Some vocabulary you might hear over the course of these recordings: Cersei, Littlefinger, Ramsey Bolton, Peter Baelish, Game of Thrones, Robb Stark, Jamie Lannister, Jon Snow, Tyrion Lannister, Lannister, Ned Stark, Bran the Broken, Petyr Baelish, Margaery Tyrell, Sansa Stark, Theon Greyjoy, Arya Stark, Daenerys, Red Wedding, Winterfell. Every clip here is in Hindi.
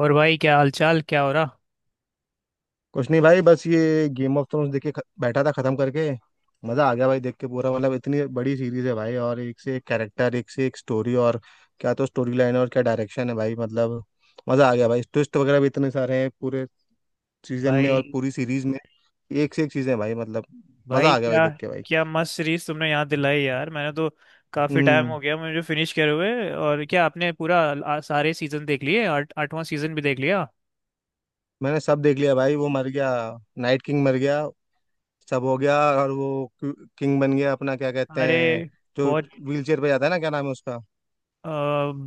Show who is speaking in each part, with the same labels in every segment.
Speaker 1: और भाई क्या हालचाल क्या हो रहा
Speaker 2: कुछ नहीं भाई, बस ये गेम ऑफ थ्रोन्स देख के बैठा था खत्म करके। मजा आ गया भाई देख के, पूरा मतलब इतनी बड़ी सीरीज है भाई, और एक से एक कैरेक्टर, एक से एक स्टोरी, और क्या तो स्टोरी लाइन, और क्या डायरेक्शन है भाई मतलब। मजा आ गया भाई, ट्विस्ट वगैरह भी इतने सारे हैं पूरे सीजन में, और
Speaker 1: भाई।
Speaker 2: पूरी सीरीज में एक से एक चीजें हैं भाई मतलब। मजा
Speaker 1: भाई
Speaker 2: आ गया भाई
Speaker 1: क्या
Speaker 2: देख के भाई।
Speaker 1: क्या मस्त सीरीज तुमने यहाँ दिलाई यार। मैंने तो काफी टाइम
Speaker 2: हम्म।
Speaker 1: हो गया मुझे फिनिश करे हुए। और क्या आपने पूरा सारे सीजन देख लिए? आठ 8वां सीजन भी देख लिया?
Speaker 2: मैंने सब देख लिया भाई, वो मर गया, नाइट किंग मर गया, सब हो गया, और वो किंग बन गया, अपना क्या कहते
Speaker 1: अरे
Speaker 2: हैं जो
Speaker 1: बहुत
Speaker 2: व्हील चेयर पे जाता है ना, क्या नाम है उसका।
Speaker 1: अ,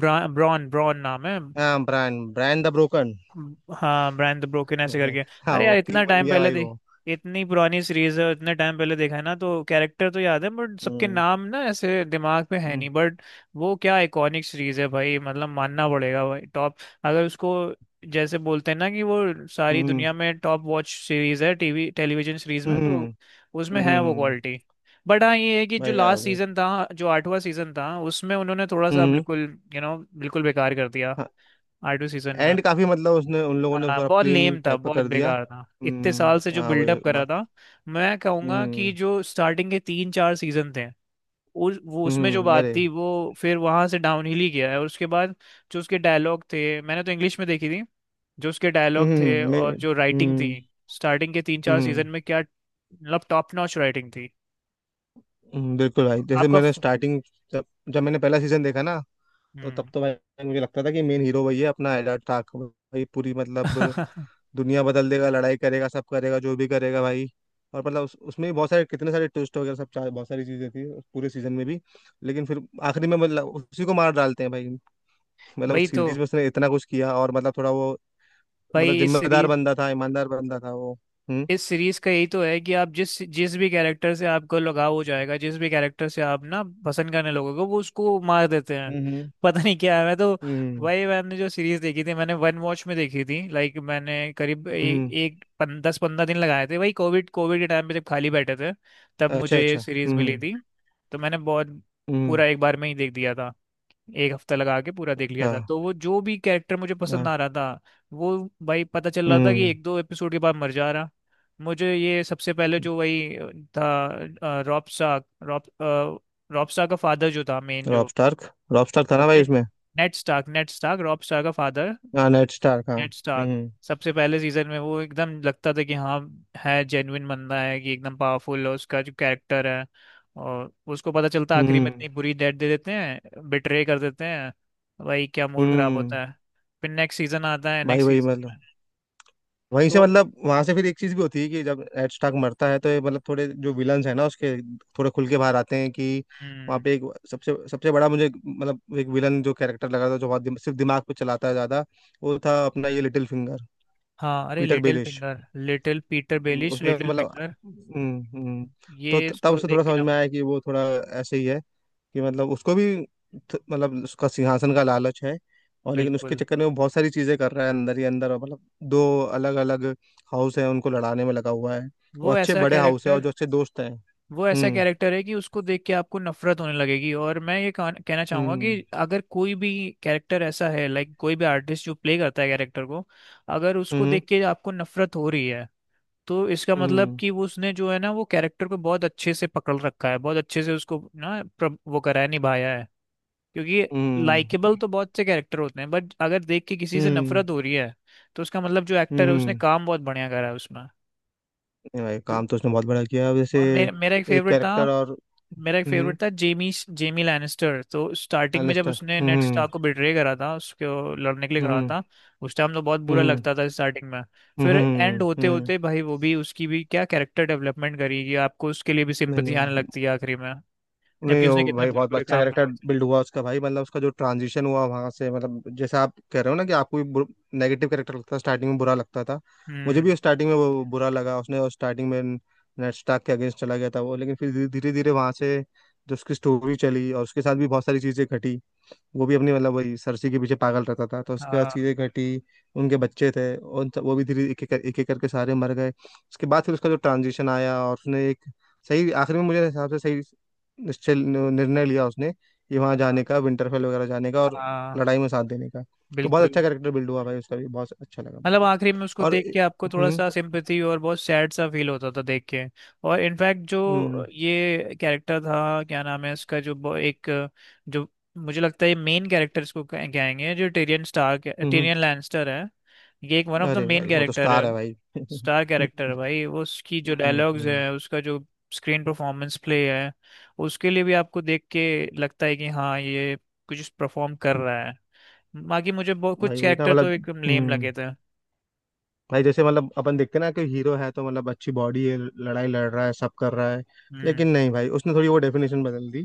Speaker 1: ब्रा, ब्रॉन ब्रॉन नाम है।
Speaker 2: हाँ, ब्रांड, ब्रांड द ब्रोकन।
Speaker 1: हाँ, ब्रांड द ब्रोकन ऐसे करके।
Speaker 2: हाँ
Speaker 1: अरे
Speaker 2: वो
Speaker 1: यार, इतना
Speaker 2: किंग बन
Speaker 1: टाइम
Speaker 2: गया
Speaker 1: पहले
Speaker 2: भाई
Speaker 1: देख
Speaker 2: वो।
Speaker 1: इतनी पुरानी सीरीज है, इतने टाइम पहले देखा है ना, तो कैरेक्टर तो याद है बट सबके
Speaker 2: हम्म,
Speaker 1: नाम ना ऐसे दिमाग पे है
Speaker 2: हम्म,
Speaker 1: नहीं, बट वो क्या आइकॉनिक सीरीज है भाई, मतलब मानना पड़ेगा भाई, टॉप। अगर उसको जैसे बोलते हैं ना कि वो सारी
Speaker 2: हम्म,
Speaker 1: दुनिया में टॉप वॉच सीरीज है, टीवी टेलीविजन सीरीज में,
Speaker 2: हम्म,
Speaker 1: तो उसमें है वो
Speaker 2: हम्म।
Speaker 1: क्वालिटी। बट हाँ ये है कि जो
Speaker 2: भाई है
Speaker 1: लास्ट
Speaker 2: वो।
Speaker 1: सीजन था, जो 8वां सीजन था, उसमें उन्होंने थोड़ा सा
Speaker 2: हम्म, हम्म।
Speaker 1: बिल्कुल यू you नो know, बिल्कुल बेकार कर दिया
Speaker 2: हाँ,
Speaker 1: 8वें सीजन में।
Speaker 2: एंड काफी, मतलब उसने, उन लोगों ने
Speaker 1: हाँ
Speaker 2: थोड़ा
Speaker 1: बहुत
Speaker 2: प्लेन
Speaker 1: लेम था,
Speaker 2: टाइप का
Speaker 1: बहुत
Speaker 2: कर दिया।
Speaker 1: बेकार था, इतने
Speaker 2: हम्म।
Speaker 1: साल से जो
Speaker 2: हाँ भाई
Speaker 1: बिल्डअप करा था। मैं कहूँगा कि
Speaker 2: हम्म,
Speaker 1: जो स्टार्टिंग के 3 4 सीजन थे उस वो उसमें जो
Speaker 2: हम्म,
Speaker 1: बात
Speaker 2: अरे,
Speaker 1: थी वो, फिर वहां से डाउन हिल ही गया है और उसके बाद जो उसके डायलॉग थे, मैंने तो इंग्लिश में देखी थी। जो उसके
Speaker 2: हम्म,
Speaker 1: डायलॉग थे
Speaker 2: मैं
Speaker 1: और जो राइटिंग थी
Speaker 2: हम्म।
Speaker 1: स्टार्टिंग के 3 4
Speaker 2: हम्म,
Speaker 1: सीजन में, क्या मतलब टॉप नॉच राइटिंग थी।
Speaker 2: बिल्कुल भाई, जैसे
Speaker 1: आपका
Speaker 2: मैंने
Speaker 1: फ-
Speaker 2: स्टार्टिंग, जब जब मैंने पहला सीजन देखा ना, तो तब
Speaker 1: हम्म।
Speaker 2: तो भाई मुझे लगता था कि मेन हीरो वही है, अपना एडा टाक भाई, पूरी मतलब दुनिया बदल देगा, लड़ाई करेगा, सब करेगा, जो भी करेगा भाई। और मतलब उसमें भी बहुत सारे, कितने सारे ट्विस्ट वगैरह, सब बहुत सारी चीजें थी उस पूरे सीजन में भी। लेकिन फिर आखिरी में मतलब उसी को मार डालते हैं भाई। मतलब
Speaker 1: वही
Speaker 2: उस
Speaker 1: तो
Speaker 2: सीरीज में उसने इतना कुछ किया, और मतलब थोड़ा वो, मतलब
Speaker 1: भाई।
Speaker 2: जिम्मेदार बंदा था, ईमानदार बंदा था वो। हम्म,
Speaker 1: इस सीरीज का यही तो है कि आप जिस जिस भी कैरेक्टर से आपको लगाव हो जाएगा, जिस भी कैरेक्टर से आप ना पसंद करने लगोगे, वो उसको मार देते हैं।
Speaker 2: हम्म,
Speaker 1: पता नहीं क्या है। मैं तो
Speaker 2: हम्म,
Speaker 1: वही, मैंने जो सीरीज देखी थी मैंने वन वॉच में देखी थी, लाइक मैंने करीब
Speaker 2: हम्म,
Speaker 1: 10 15 दिन लगाए थे। वही कोविड कोविड के टाइम पे जब खाली बैठे थे, तब
Speaker 2: अच्छा,
Speaker 1: मुझे ये
Speaker 2: अच्छा,
Speaker 1: सीरीज
Speaker 2: हम्म,
Speaker 1: मिली थी। तो मैंने बहुत
Speaker 2: हम्म,
Speaker 1: पूरा एक बार में ही देख दिया था। एक हफ्ता लगा के पूरा देख लिया
Speaker 2: अच्छा,
Speaker 1: था, तो वो जो भी कैरेक्टर मुझे पसंद
Speaker 2: हाँ,
Speaker 1: आ रहा था वो, भाई पता चल रहा था कि
Speaker 2: हम्म।
Speaker 1: एक दो एपिसोड के बाद मर जा रहा। मुझे ये सबसे पहले जो वही था, रॉब स्टार्क का फादर जो था, मेन
Speaker 2: रॉब
Speaker 1: जो
Speaker 2: स्टार्क, रॉब स्टार्क था ना भाई उसमें।
Speaker 1: नेड स्टार्क रॉब स्टार्क का फादर,
Speaker 2: हाँ, नेड स्टार्क, हाँ।
Speaker 1: Ned Stark.
Speaker 2: हम्म,
Speaker 1: सबसे पहले सीजन में वो एकदम लगता था कि हाँ, है जेन्युइन बंदा है, कि एकदम पावरफुल है उसका जो कैरेक्टर है। और उसको पता चलता है आखिरी में,
Speaker 2: हम्म,
Speaker 1: इतनी बुरी डेथ दे देते हैं, बिट्रे कर देते हैं। भाई क्या मूड खराब
Speaker 2: हम्म।
Speaker 1: होता है। फिर नेक्स्ट सीजन आता है,
Speaker 2: भाई
Speaker 1: नेक्स्ट
Speaker 2: वही
Speaker 1: सीजन
Speaker 2: मतलब,
Speaker 1: में
Speaker 2: वहीं से,
Speaker 1: तो
Speaker 2: मतलब वहां से फिर एक चीज भी होती है कि जब एड स्टार्क मरता है, तो ये मतलब थोड़े जो विलन्स है ना उसके, थोड़े खुल के बाहर आते हैं कि वहाँ
Speaker 1: हम्म,
Speaker 2: पे एक सबसे सबसे बड़ा, मुझे मतलब एक विलन जो कैरेक्टर लगा था, जो बहुत सिर्फ दिमाग पे चलाता है ज्यादा, वो था अपना ये लिटिल फिंगर,
Speaker 1: हाँ, अरे
Speaker 2: Peter
Speaker 1: little
Speaker 2: Baelish.
Speaker 1: Finger, little Peter Baelish,
Speaker 2: उसने
Speaker 1: लिटिल
Speaker 2: मतलब,
Speaker 1: फिंगर,
Speaker 2: हम्म, तो
Speaker 1: ये
Speaker 2: तब
Speaker 1: इसको
Speaker 2: उसे
Speaker 1: देख
Speaker 2: थोड़ा
Speaker 1: के
Speaker 2: समझ
Speaker 1: ना,
Speaker 2: में आया कि वो थोड़ा ऐसे ही है, कि मतलब उसको भी मतलब उसका सिंहासन का लालच है, और लेकिन उसके
Speaker 1: बिल्कुल।
Speaker 2: चक्कर में वो बहुत सारी चीजें कर रहा है अंदर ही अंदर, और मतलब दो अलग अलग हाउस है, उनको लड़ाने में लगा हुआ है, वो
Speaker 1: वो
Speaker 2: अच्छे
Speaker 1: ऐसा
Speaker 2: बड़े हाउस है और
Speaker 1: कैरेक्टर
Speaker 2: जो अच्छे दोस्त हैं।
Speaker 1: वो ऐसा
Speaker 2: हम्म,
Speaker 1: कैरेक्टर है कि उसको देख के आपको नफरत होने लगेगी। और मैं ये कहना कहना चाहूंगा
Speaker 2: हम्म,
Speaker 1: कि अगर कोई भी कैरेक्टर ऐसा है, लाइक कोई भी आर्टिस्ट जो प्ले करता है कैरेक्टर को, अगर उसको
Speaker 2: हम्म,
Speaker 1: देख के आपको नफरत हो रही है, तो इसका मतलब
Speaker 2: हम्म,
Speaker 1: कि वो उसने जो है ना, वो कैरेक्टर को बहुत अच्छे से पकड़ रखा है, बहुत अच्छे से उसको ना वो करा है, निभाया है। क्योंकि
Speaker 2: हम्म,
Speaker 1: लाइकेबल तो बहुत से कैरेक्टर होते हैं, बट अगर देख के किसी से
Speaker 2: हम्म,
Speaker 1: नफरत हो रही है, तो उसका मतलब जो एक्टर है उसने
Speaker 2: हम्म।
Speaker 1: काम बहुत बढ़िया करा है उसमें।
Speaker 2: नहीं भाई,
Speaker 1: तो
Speaker 2: काम तो उसने बहुत बड़ा किया, अब जैसे
Speaker 1: और मेरा मेरा एक
Speaker 2: एक
Speaker 1: फेवरेट था
Speaker 2: कैरेक्टर और।
Speaker 1: मेरा एक
Speaker 2: हम्म।
Speaker 1: फेवरेट था, जेमी जेमी लैनिस्टर। तो स्टार्टिंग में जब
Speaker 2: लैनिस्टर,
Speaker 1: उसने नेड
Speaker 2: हम्म,
Speaker 1: स्टार्क को बिट्रे करा था, उसको लड़ने के लिए खड़ा
Speaker 2: हम्म,
Speaker 1: था, उस टाइम तो बहुत बुरा
Speaker 2: हम्म,
Speaker 1: लगता था स्टार्टिंग में।
Speaker 2: हम्म,
Speaker 1: फिर
Speaker 2: हम्म,
Speaker 1: एंड होते
Speaker 2: हम्म,
Speaker 1: होते भाई वो भी, उसकी भी क्या कैरेक्टर डेवलपमेंट करी कि आपको उसके लिए भी
Speaker 2: नहीं, नहीं
Speaker 1: सिंपथी आने
Speaker 2: यार,
Speaker 1: लगती है आखिरी में,
Speaker 2: नहीं
Speaker 1: जबकि उसने
Speaker 2: वो
Speaker 1: कितने
Speaker 2: भाई
Speaker 1: बुरे
Speaker 2: बहुत
Speaker 1: बुरे
Speaker 2: अच्छा
Speaker 1: काम करे
Speaker 2: कैरेक्टर
Speaker 1: होते हैं।
Speaker 2: बिल्ड हुआ उसका भाई, मतलब उसका जो ट्रांजिशन हुआ वहां से, मतलब जैसे आप कह रहे हो ना कि आपको भी नेगेटिव कैरेक्टर लगता था, स्टार्टिंग में बुरा लगता था। मुझे
Speaker 1: हम्म।
Speaker 2: भी स्टार्टिंग में वो बुरा लगा, उसने स्टार्टिंग में नेड स्टार्क के अगेंस्ट चला गया था वो, लेकिन फिर धीरे धीरे वहां से जो उसकी स्टोरी चली, और उसके साथ भी बहुत सारी चीजें घटी, वो भी अपनी मतलब वही सरसी के पीछे पागल रहता था, तो उसके बाद
Speaker 1: हाँ
Speaker 2: चीज़ें घटी, उनके बच्चे थे, और वो भी धीरे एक एक एक एक करके सारे मर गए, उसके बाद फिर उसका जो ट्रांजिशन आया, और उसने एक सही, आखिर में मुझे हिसाब से सही निश्चय निर्णय लिया उसने, कि वहाँ जाने
Speaker 1: हाँ
Speaker 2: का, विंटरफेल वगैरह जाने का, और
Speaker 1: हाँ,
Speaker 2: लड़ाई में साथ देने का। तो बहुत
Speaker 1: बिल्कुल।
Speaker 2: अच्छा कैरेक्टर बिल्ड हुआ भाई उसका भी, बहुत अच्छा लगा मेरे
Speaker 1: मतलब
Speaker 2: को।
Speaker 1: आखिरी में उसको
Speaker 2: और
Speaker 1: देख के आपको थोड़ा
Speaker 2: हम्म,
Speaker 1: सा सिंपैथी और बहुत सैड सा फील होता था देख के। और इनफैक्ट जो
Speaker 2: हम्म,
Speaker 1: ये कैरेक्टर था, क्या नाम है इसका, जो एक जो, मुझे लगता है ये मेन कैरेक्टर इसको कहेंगे, जो
Speaker 2: हम्म, हम्म।
Speaker 1: टेरियन लैनिस्टर है, ये एक वन ऑफ द
Speaker 2: अरे
Speaker 1: मेन
Speaker 2: भाई वो तो
Speaker 1: कैरेक्टर है।
Speaker 2: स्टार है भाई।
Speaker 1: स्टार कैरेक्टर है भाई वो, उसकी जो
Speaker 2: हम्म,
Speaker 1: डायलॉग्स
Speaker 2: हम्म।
Speaker 1: है, उसका जो स्क्रीन परफॉर्मेंस प्ले है, उसके लिए भी आपको देख के लगता है कि हाँ, ये कुछ परफॉर्म कर रहा है। बाकी मुझे बहुत
Speaker 2: भाई
Speaker 1: कुछ
Speaker 2: वही ना
Speaker 1: कैरेक्टर तो
Speaker 2: मतलब।
Speaker 1: एकदम लेम
Speaker 2: हम्म।
Speaker 1: लगे थे।
Speaker 2: भाई जैसे मतलब अपन देखते ना कि हीरो है तो मतलब अच्छी बॉडी है, लड़ाई लड़ रहा है, सब कर रहा है,
Speaker 1: हम्म।
Speaker 2: लेकिन नहीं भाई उसने थोड़ी वो डेफिनेशन बदल दी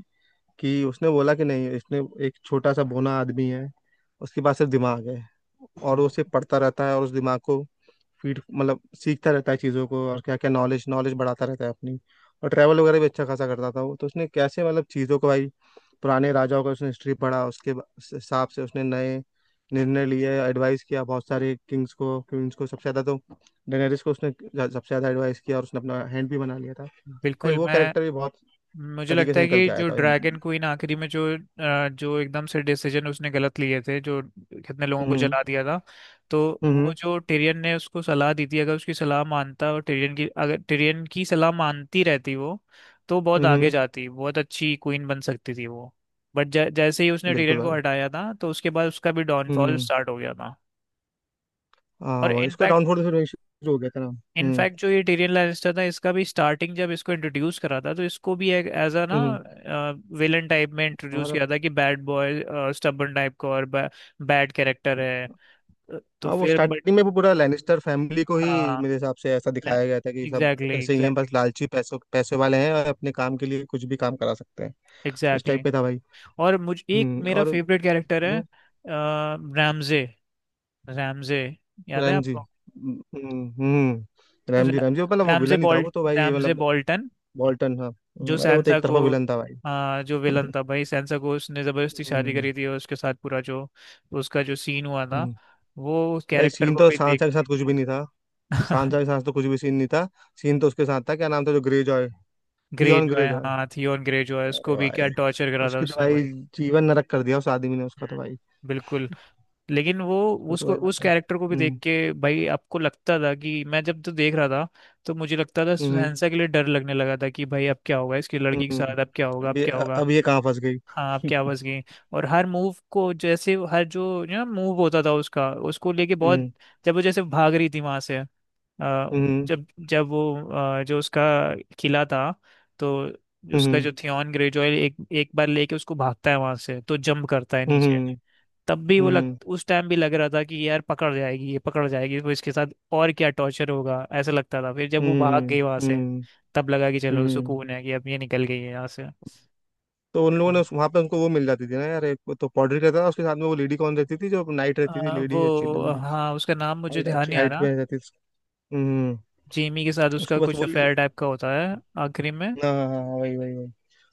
Speaker 2: कि उसने बोला कि नहीं, इसने एक छोटा सा बोना आदमी है, उसके पास सिर्फ दिमाग है, और वो
Speaker 1: बिल-
Speaker 2: सिर्फ पढ़ता रहता है, और उस दिमाग को फीड, मतलब सीखता रहता है चीज़ों को, और क्या क्या नॉलेज, नॉलेज बढ़ाता रहता है अपनी। और ट्रैवल वगैरह भी अच्छा खासा करता था वो, तो उसने कैसे मतलब चीज़ों को भाई, पुराने राजाओं का उसने हिस्ट्री पढ़ा, उसके उस हिसाब से उसने नए निर्णय लिए, एडवाइस किया बहुत सारे किंग्स को, क्वींस को, सबसे ज्यादा तो डेनेरिस को उसने सबसे ज्यादा एडवाइस किया, और उसने अपना हैंड भी बना लिया था। भाई
Speaker 1: बिल्कुल।
Speaker 2: वो
Speaker 1: मैं,
Speaker 2: कैरेक्टर भी बहुत
Speaker 1: मुझे
Speaker 2: तरीके
Speaker 1: लगता
Speaker 2: से
Speaker 1: है
Speaker 2: निकल
Speaker 1: कि
Speaker 2: के आया
Speaker 1: जो
Speaker 2: था। हम्म,
Speaker 1: ड्रैगन क्वीन आखिरी में जो एकदम से डिसीजन उसने गलत लिए थे, जो कितने लोगों को
Speaker 2: हम्म,
Speaker 1: जला दिया था, तो वो
Speaker 2: हम्म,
Speaker 1: जो टिरियन ने उसको सलाह दी थी, अगर उसकी सलाह मानता, और टिरियन की अगर टिरियन की सलाह मानती रहती वो, तो बहुत आगे
Speaker 2: हम्म,
Speaker 1: जाती, बहुत अच्छी क्वीन बन सकती थी वो, बट जैसे ही उसने
Speaker 2: बिल्कुल
Speaker 1: टिरियन को
Speaker 2: भाई।
Speaker 1: हटाया था, तो उसके बाद उसका भी डाउनफॉल
Speaker 2: हम्म।
Speaker 1: स्टार्ट हो गया था।
Speaker 2: हाँ
Speaker 1: और
Speaker 2: वही, इसका
Speaker 1: इनफैक्ट,
Speaker 2: डाउनफॉल तो फिर वही शुरू हो गया था ना। हम्म,
Speaker 1: जो ये टीरियन लैनिस्टर था, इसका भी स्टार्टिंग जब इसको इंट्रोड्यूस करा था, तो इसको भी एक एज अ ना
Speaker 2: हम्म
Speaker 1: विलन टाइप में इंट्रोड्यूस
Speaker 2: और
Speaker 1: किया था कि बैड बॉय, स्टबर्न टाइप का और बैड कैरेक्टर है। तो
Speaker 2: हाँ। वो
Speaker 1: फिर बट
Speaker 2: स्टार्टिंग में वो पूरा लैनिस्टर फैमिली को ही
Speaker 1: हाँ,
Speaker 2: मेरे हिसाब से ऐसा दिखाया गया था कि सब
Speaker 1: एग्जैक्टली,
Speaker 2: ऐसे ही हैं,
Speaker 1: एग्जैक्टली,
Speaker 2: बस लालची, पैसों, पैसे वाले हैं, और अपने काम के लिए कुछ भी काम करा सकते हैं, इस टाइप
Speaker 1: एग्जैक्टली।
Speaker 2: पे था भाई।
Speaker 1: और मुझे एक मेरा
Speaker 2: और
Speaker 1: फेवरेट कैरेक्टर है,
Speaker 2: हम्म,
Speaker 1: रैमजे, रैमजे, याद है
Speaker 2: राम जी,
Speaker 1: आपको,
Speaker 2: हम्म, राम जी, राम जी वो मतलब वो
Speaker 1: रैमजे
Speaker 2: विलन ही था वो,
Speaker 1: बॉल्ट
Speaker 2: तो भाई
Speaker 1: रैमजे
Speaker 2: मतलब
Speaker 1: बॉल्टन,
Speaker 2: वॉल्टन, हाँ,
Speaker 1: जो
Speaker 2: अरे वो तो
Speaker 1: सैनसा
Speaker 2: एक तरफा
Speaker 1: को,
Speaker 2: विलन था भाई।
Speaker 1: जो विलन था भाई, सैनसा को उसने जबरदस्ती शादी
Speaker 2: हम्म,
Speaker 1: करी थी और उसके साथ पूरा जो उसका जो सीन हुआ था,
Speaker 2: हम्म।
Speaker 1: वो उस
Speaker 2: भाई
Speaker 1: कैरेक्टर
Speaker 2: सीन
Speaker 1: को
Speaker 2: तो
Speaker 1: भी देख
Speaker 2: सांसा के
Speaker 1: के।
Speaker 2: साथ कुछ भी नहीं था, सांसा के साथ तो कुछ भी सीन नहीं था, सीन तो उसके साथ था, क्या नाम था जो ग्रे जॉय,
Speaker 1: ग्रे
Speaker 2: थियॉन
Speaker 1: जो
Speaker 2: ग्रे
Speaker 1: है,
Speaker 2: जॉय।
Speaker 1: हाँ, थियोन ग्रे जो है, उसको
Speaker 2: अरे
Speaker 1: भी
Speaker 2: भाई,
Speaker 1: क्या टॉर्चर करा था
Speaker 2: उसकी तो
Speaker 1: उसने
Speaker 2: भाई
Speaker 1: भाई।
Speaker 2: जीवन नरक कर दिया उस आदमी ने उसका, तो भाई
Speaker 1: बिल्कुल। लेकिन वो,
Speaker 2: तो
Speaker 1: उसको
Speaker 2: भाई
Speaker 1: उस
Speaker 2: मतलब।
Speaker 1: कैरेक्टर को भी देख
Speaker 2: हम्म,
Speaker 1: के भाई आपको लगता था कि, मैं जब तो देख रहा था, तो मुझे लगता था
Speaker 2: हम्म,
Speaker 1: सैनसा के लिए डर लगने लगा था कि, भाई अब क्या होगा इसकी लड़की के
Speaker 2: हम्म।
Speaker 1: साथ, अब क्या होगा,
Speaker 2: अब
Speaker 1: अब
Speaker 2: ये
Speaker 1: क्या होगा।
Speaker 2: अब ये कहाँ फंस गई।
Speaker 1: हाँ, आपके आवाज की, और हर मूव को, जैसे हर जो मूव होता था, उसका, उसको लेके
Speaker 2: हम्म,
Speaker 1: बहुत। जब वो जैसे भाग रही थी वहां से,
Speaker 2: हम्म,
Speaker 1: जब जब वो, जो उसका किला था, तो उसका
Speaker 2: हम्म,
Speaker 1: जो थियॉन ग्रेजॉय एक एक बार लेके उसको भागता है वहां से, तो जंप करता है
Speaker 2: हम्म,
Speaker 1: नीचे।
Speaker 2: हम्म,
Speaker 1: तब भी वो लग
Speaker 2: हम्म,
Speaker 1: उस टाइम भी लग रहा था कि यार पकड़ जाएगी, ये पकड़ जाएगी, तो इसके साथ और क्या टॉर्चर होगा ऐसा लगता था। फिर जब वो भाग
Speaker 2: हम्म,
Speaker 1: गई वहां से,
Speaker 2: हम्म,
Speaker 1: तब लगा कि चलो
Speaker 2: हम्म।
Speaker 1: सुकून है कि अब ये निकल गई है यहाँ
Speaker 2: तो उन
Speaker 1: से।
Speaker 2: लोगों ने वहां पे उनको वो मिल जाती थी ना यार, एक वो तो पॉडरी रहता था उसके साथ में, वो लेडी कौन रहती थी जो नाइट रहती थी, लेडी अच्छी
Speaker 1: वो,
Speaker 2: लंबी,
Speaker 1: हाँ, उसका नाम मुझे
Speaker 2: हाइट
Speaker 1: ध्यान
Speaker 2: अच्छी
Speaker 1: नहीं आ
Speaker 2: हाइट
Speaker 1: रहा।
Speaker 2: पे रहती थी। हम्म।
Speaker 1: जेमी के साथ उसका
Speaker 2: उसको बस
Speaker 1: कुछ
Speaker 2: वो,
Speaker 1: अफेयर टाइप का होता है आखिरी में।
Speaker 2: हाँ, हाँ, हाँ, वही वही वही,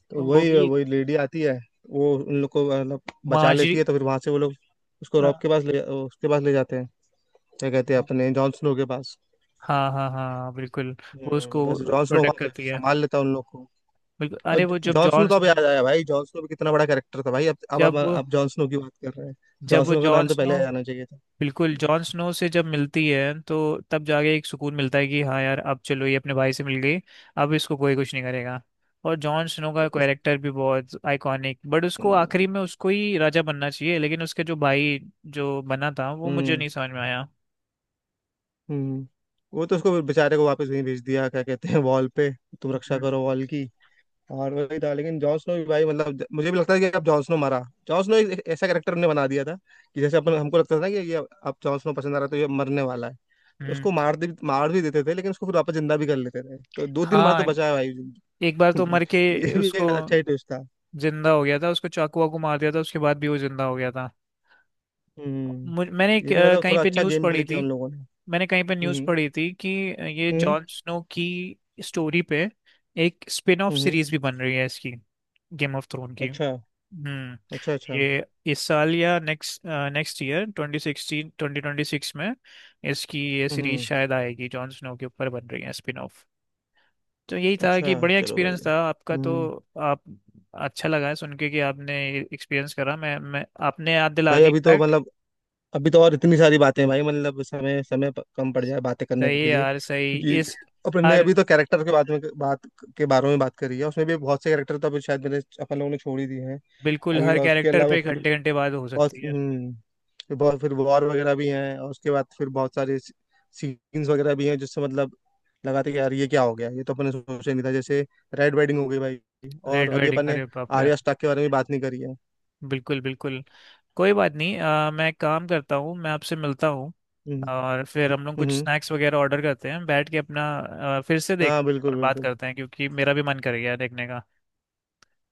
Speaker 2: तो
Speaker 1: वो
Speaker 2: वही
Speaker 1: भी,
Speaker 2: वही लेडी आती है, वो उन लोग को मतलब बचा
Speaker 1: मार्जरी,
Speaker 2: लेती है, तो फिर वहां से वो लोग उसको
Speaker 1: आ,
Speaker 2: रॉब के पास ले, उसके पास ले जाते हैं, क्या कहते हैं अपने जॉन स्नो के पास।
Speaker 1: हाँ हाँ हाँ, बिल्कुल। वो उसको
Speaker 2: बस जॉन स्नो
Speaker 1: प्रोटेक्ट
Speaker 2: वहां से
Speaker 1: करती है।
Speaker 2: संभाल लेता है उन लोग को।
Speaker 1: बिल्कुल,
Speaker 2: और
Speaker 1: अरे वो जब
Speaker 2: जॉन स्नो
Speaker 1: जॉन
Speaker 2: तो अब
Speaker 1: स्नो,
Speaker 2: याद आया भाई, जॉन स्नो भी कितना बड़ा कैरेक्टर था भाई, अब अब अब,
Speaker 1: जब वो
Speaker 2: अब जॉन स्नो की बात कर रहे हैं,
Speaker 1: जब
Speaker 2: जॉन
Speaker 1: वो
Speaker 2: स्नो का
Speaker 1: जॉन
Speaker 2: नाम तो पहले
Speaker 1: स्नो
Speaker 2: आ जाना चाहिए था।
Speaker 1: बिल्कुल जॉन स्नो से जब मिलती है, तो तब जाके एक सुकून मिलता है कि हाँ यार, अब चलो ये अपने भाई से मिल गई, अब इसको कोई कुछ नहीं करेगा। और जॉन स्नो का
Speaker 2: उस
Speaker 1: कैरेक्टर भी बहुत आइकॉनिक, बट उसको
Speaker 2: हम्म,
Speaker 1: आखिरी में उसको ही राजा बनना चाहिए, लेकिन उसके जो भाई जो बना था वो मुझे नहीं समझ में आया।
Speaker 2: हम्म। वो तो उसको बेचारे को वापस वहीं भेज दिया, क्या कहते हैं वॉल पे, तुम रक्षा
Speaker 1: हम्म।
Speaker 2: करो वॉल की, और वही था। लेकिन जॉन स्नो भी भाई, मतलब मुझे भी लगता है कि अब जॉन स्नो मरा। जॉन स्नो एक एक ऐसा कैरेक्टर उन्होंने बना दिया था कि जैसे अपन, हमको लगता था ना कि ये अब जॉन स्नो पसंद आ रहा है तो ये मरने वाला है,
Speaker 1: हम्म।
Speaker 2: उसको मार दे, मार भी देते थे, लेकिन उसको फिर वापस जिंदा भी कर लेते थे, तो दो तीन बार तो
Speaker 1: हाँ,
Speaker 2: बचाया भाई जिंदा।
Speaker 1: एक बार तो मर के
Speaker 2: तो ये भी
Speaker 1: उसको,
Speaker 2: एक अच्छा ही ट्विस्ट था।
Speaker 1: जिंदा हो गया था, उसको चाकू वाकू मार दिया था उसके बाद भी वो जिंदा हो गया था।
Speaker 2: हम्म।
Speaker 1: मुझ मैंने
Speaker 2: ये भी मतलब
Speaker 1: कहीं
Speaker 2: थोड़ा
Speaker 1: पे
Speaker 2: अच्छा
Speaker 1: न्यूज़
Speaker 2: गेम
Speaker 1: पढ़ी
Speaker 2: प्ले किया
Speaker 1: थी,
Speaker 2: उन लोगों ने।
Speaker 1: मैंने कहीं पे न्यूज़
Speaker 2: हम्म,
Speaker 1: पढ़ी थी कि ये
Speaker 2: हम्म,
Speaker 1: जॉन स्नो की स्टोरी पे एक स्पिन ऑफ
Speaker 2: हम्म,
Speaker 1: सीरीज भी बन रही है इसकी, गेम ऑफ थ्रोन की।
Speaker 2: अच्छा,
Speaker 1: हम्म।
Speaker 2: अच्छा, अच्छा।
Speaker 1: ये इस साल या नेक्स्ट, ईयर 2026 में इसकी ये सीरीज
Speaker 2: हम्म।
Speaker 1: शायद आएगी, जॉन स्नो के ऊपर बन रही है स्पिन ऑफ। तो यही था
Speaker 2: अच्छा,
Speaker 1: कि बढ़िया
Speaker 2: चलो
Speaker 1: एक्सपीरियंस
Speaker 2: बढ़िया।
Speaker 1: था आपका तो।
Speaker 2: हम्म।
Speaker 1: आप अच्छा लगा है सुन के कि आपने एक्सपीरियंस करा। मैं आपने याद दिला
Speaker 2: भाई
Speaker 1: दी
Speaker 2: अभी तो
Speaker 1: इनफैक्ट।
Speaker 2: मतलब, अभी तो और इतनी सारी बातें हैं भाई, मतलब समय समय कम पड़ जाए बातें करने
Speaker 1: सही है
Speaker 2: के लिए,
Speaker 1: यार, सही
Speaker 2: क्योंकि
Speaker 1: इस
Speaker 2: अपन ने
Speaker 1: हर,
Speaker 2: अभी तो कैरेक्टर के बारे में बात, के बारे में बात करी है, उसमें भी बहुत से कैरेक्टर तो अभी शायद मैंने, अपन लोगों ने छोड़ ही दिए हैं
Speaker 1: बिल्कुल
Speaker 2: अभी।
Speaker 1: हर
Speaker 2: और उसके
Speaker 1: कैरेक्टर
Speaker 2: अलावा
Speaker 1: पे
Speaker 2: फिर
Speaker 1: घंटे घंटे बाद हो
Speaker 2: बहुत,
Speaker 1: सकती है।
Speaker 2: फिर बहुत फिर वॉर वगैरह भी हैं, और उसके बाद फिर बहुत सारे सीन्स वगैरह भी हैं, जिससे मतलब लगा था कि यार ये क्या हो गया, ये तो अपन ने सोचा ही नहीं था, जैसे रेड वेडिंग हो गई भाई। और
Speaker 1: रेड
Speaker 2: अभी
Speaker 1: वेडिंग,
Speaker 2: अपन ने
Speaker 1: अरे बाप रे।
Speaker 2: आर्या स्टाक के बारे में बात नहीं करी है।
Speaker 1: बिल्कुल, बिल्कुल। कोई बात नहीं। मैं एक काम करता हूँ, मैं आपसे मिलता हूँ,
Speaker 2: हम्म,
Speaker 1: और फिर हम लोग
Speaker 2: हम्म,
Speaker 1: कुछ स्नैक्स वगैरह ऑर्डर करते हैं, बैठ के अपना फिर से देख
Speaker 2: हाँ, बिल्कुल,
Speaker 1: और बात
Speaker 2: बिल्कुल।
Speaker 1: करते हैं, क्योंकि मेरा भी मन कर गया देखने का।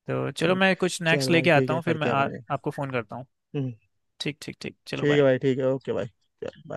Speaker 1: तो चलो
Speaker 2: हम्म,
Speaker 1: मैं कुछ स्नैक्स
Speaker 2: चल
Speaker 1: लेके
Speaker 2: भाई ठीक
Speaker 1: आता
Speaker 2: है,
Speaker 1: हूँ, फिर मैं
Speaker 2: करते हैं अपने।
Speaker 1: आपको फ़ोन करता हूँ।
Speaker 2: हम्म,
Speaker 1: ठीक, ठीक, ठीक, चलो,
Speaker 2: ठीक है भाई,
Speaker 1: बाय।
Speaker 2: ठीक है, ओके भाई। चल bye।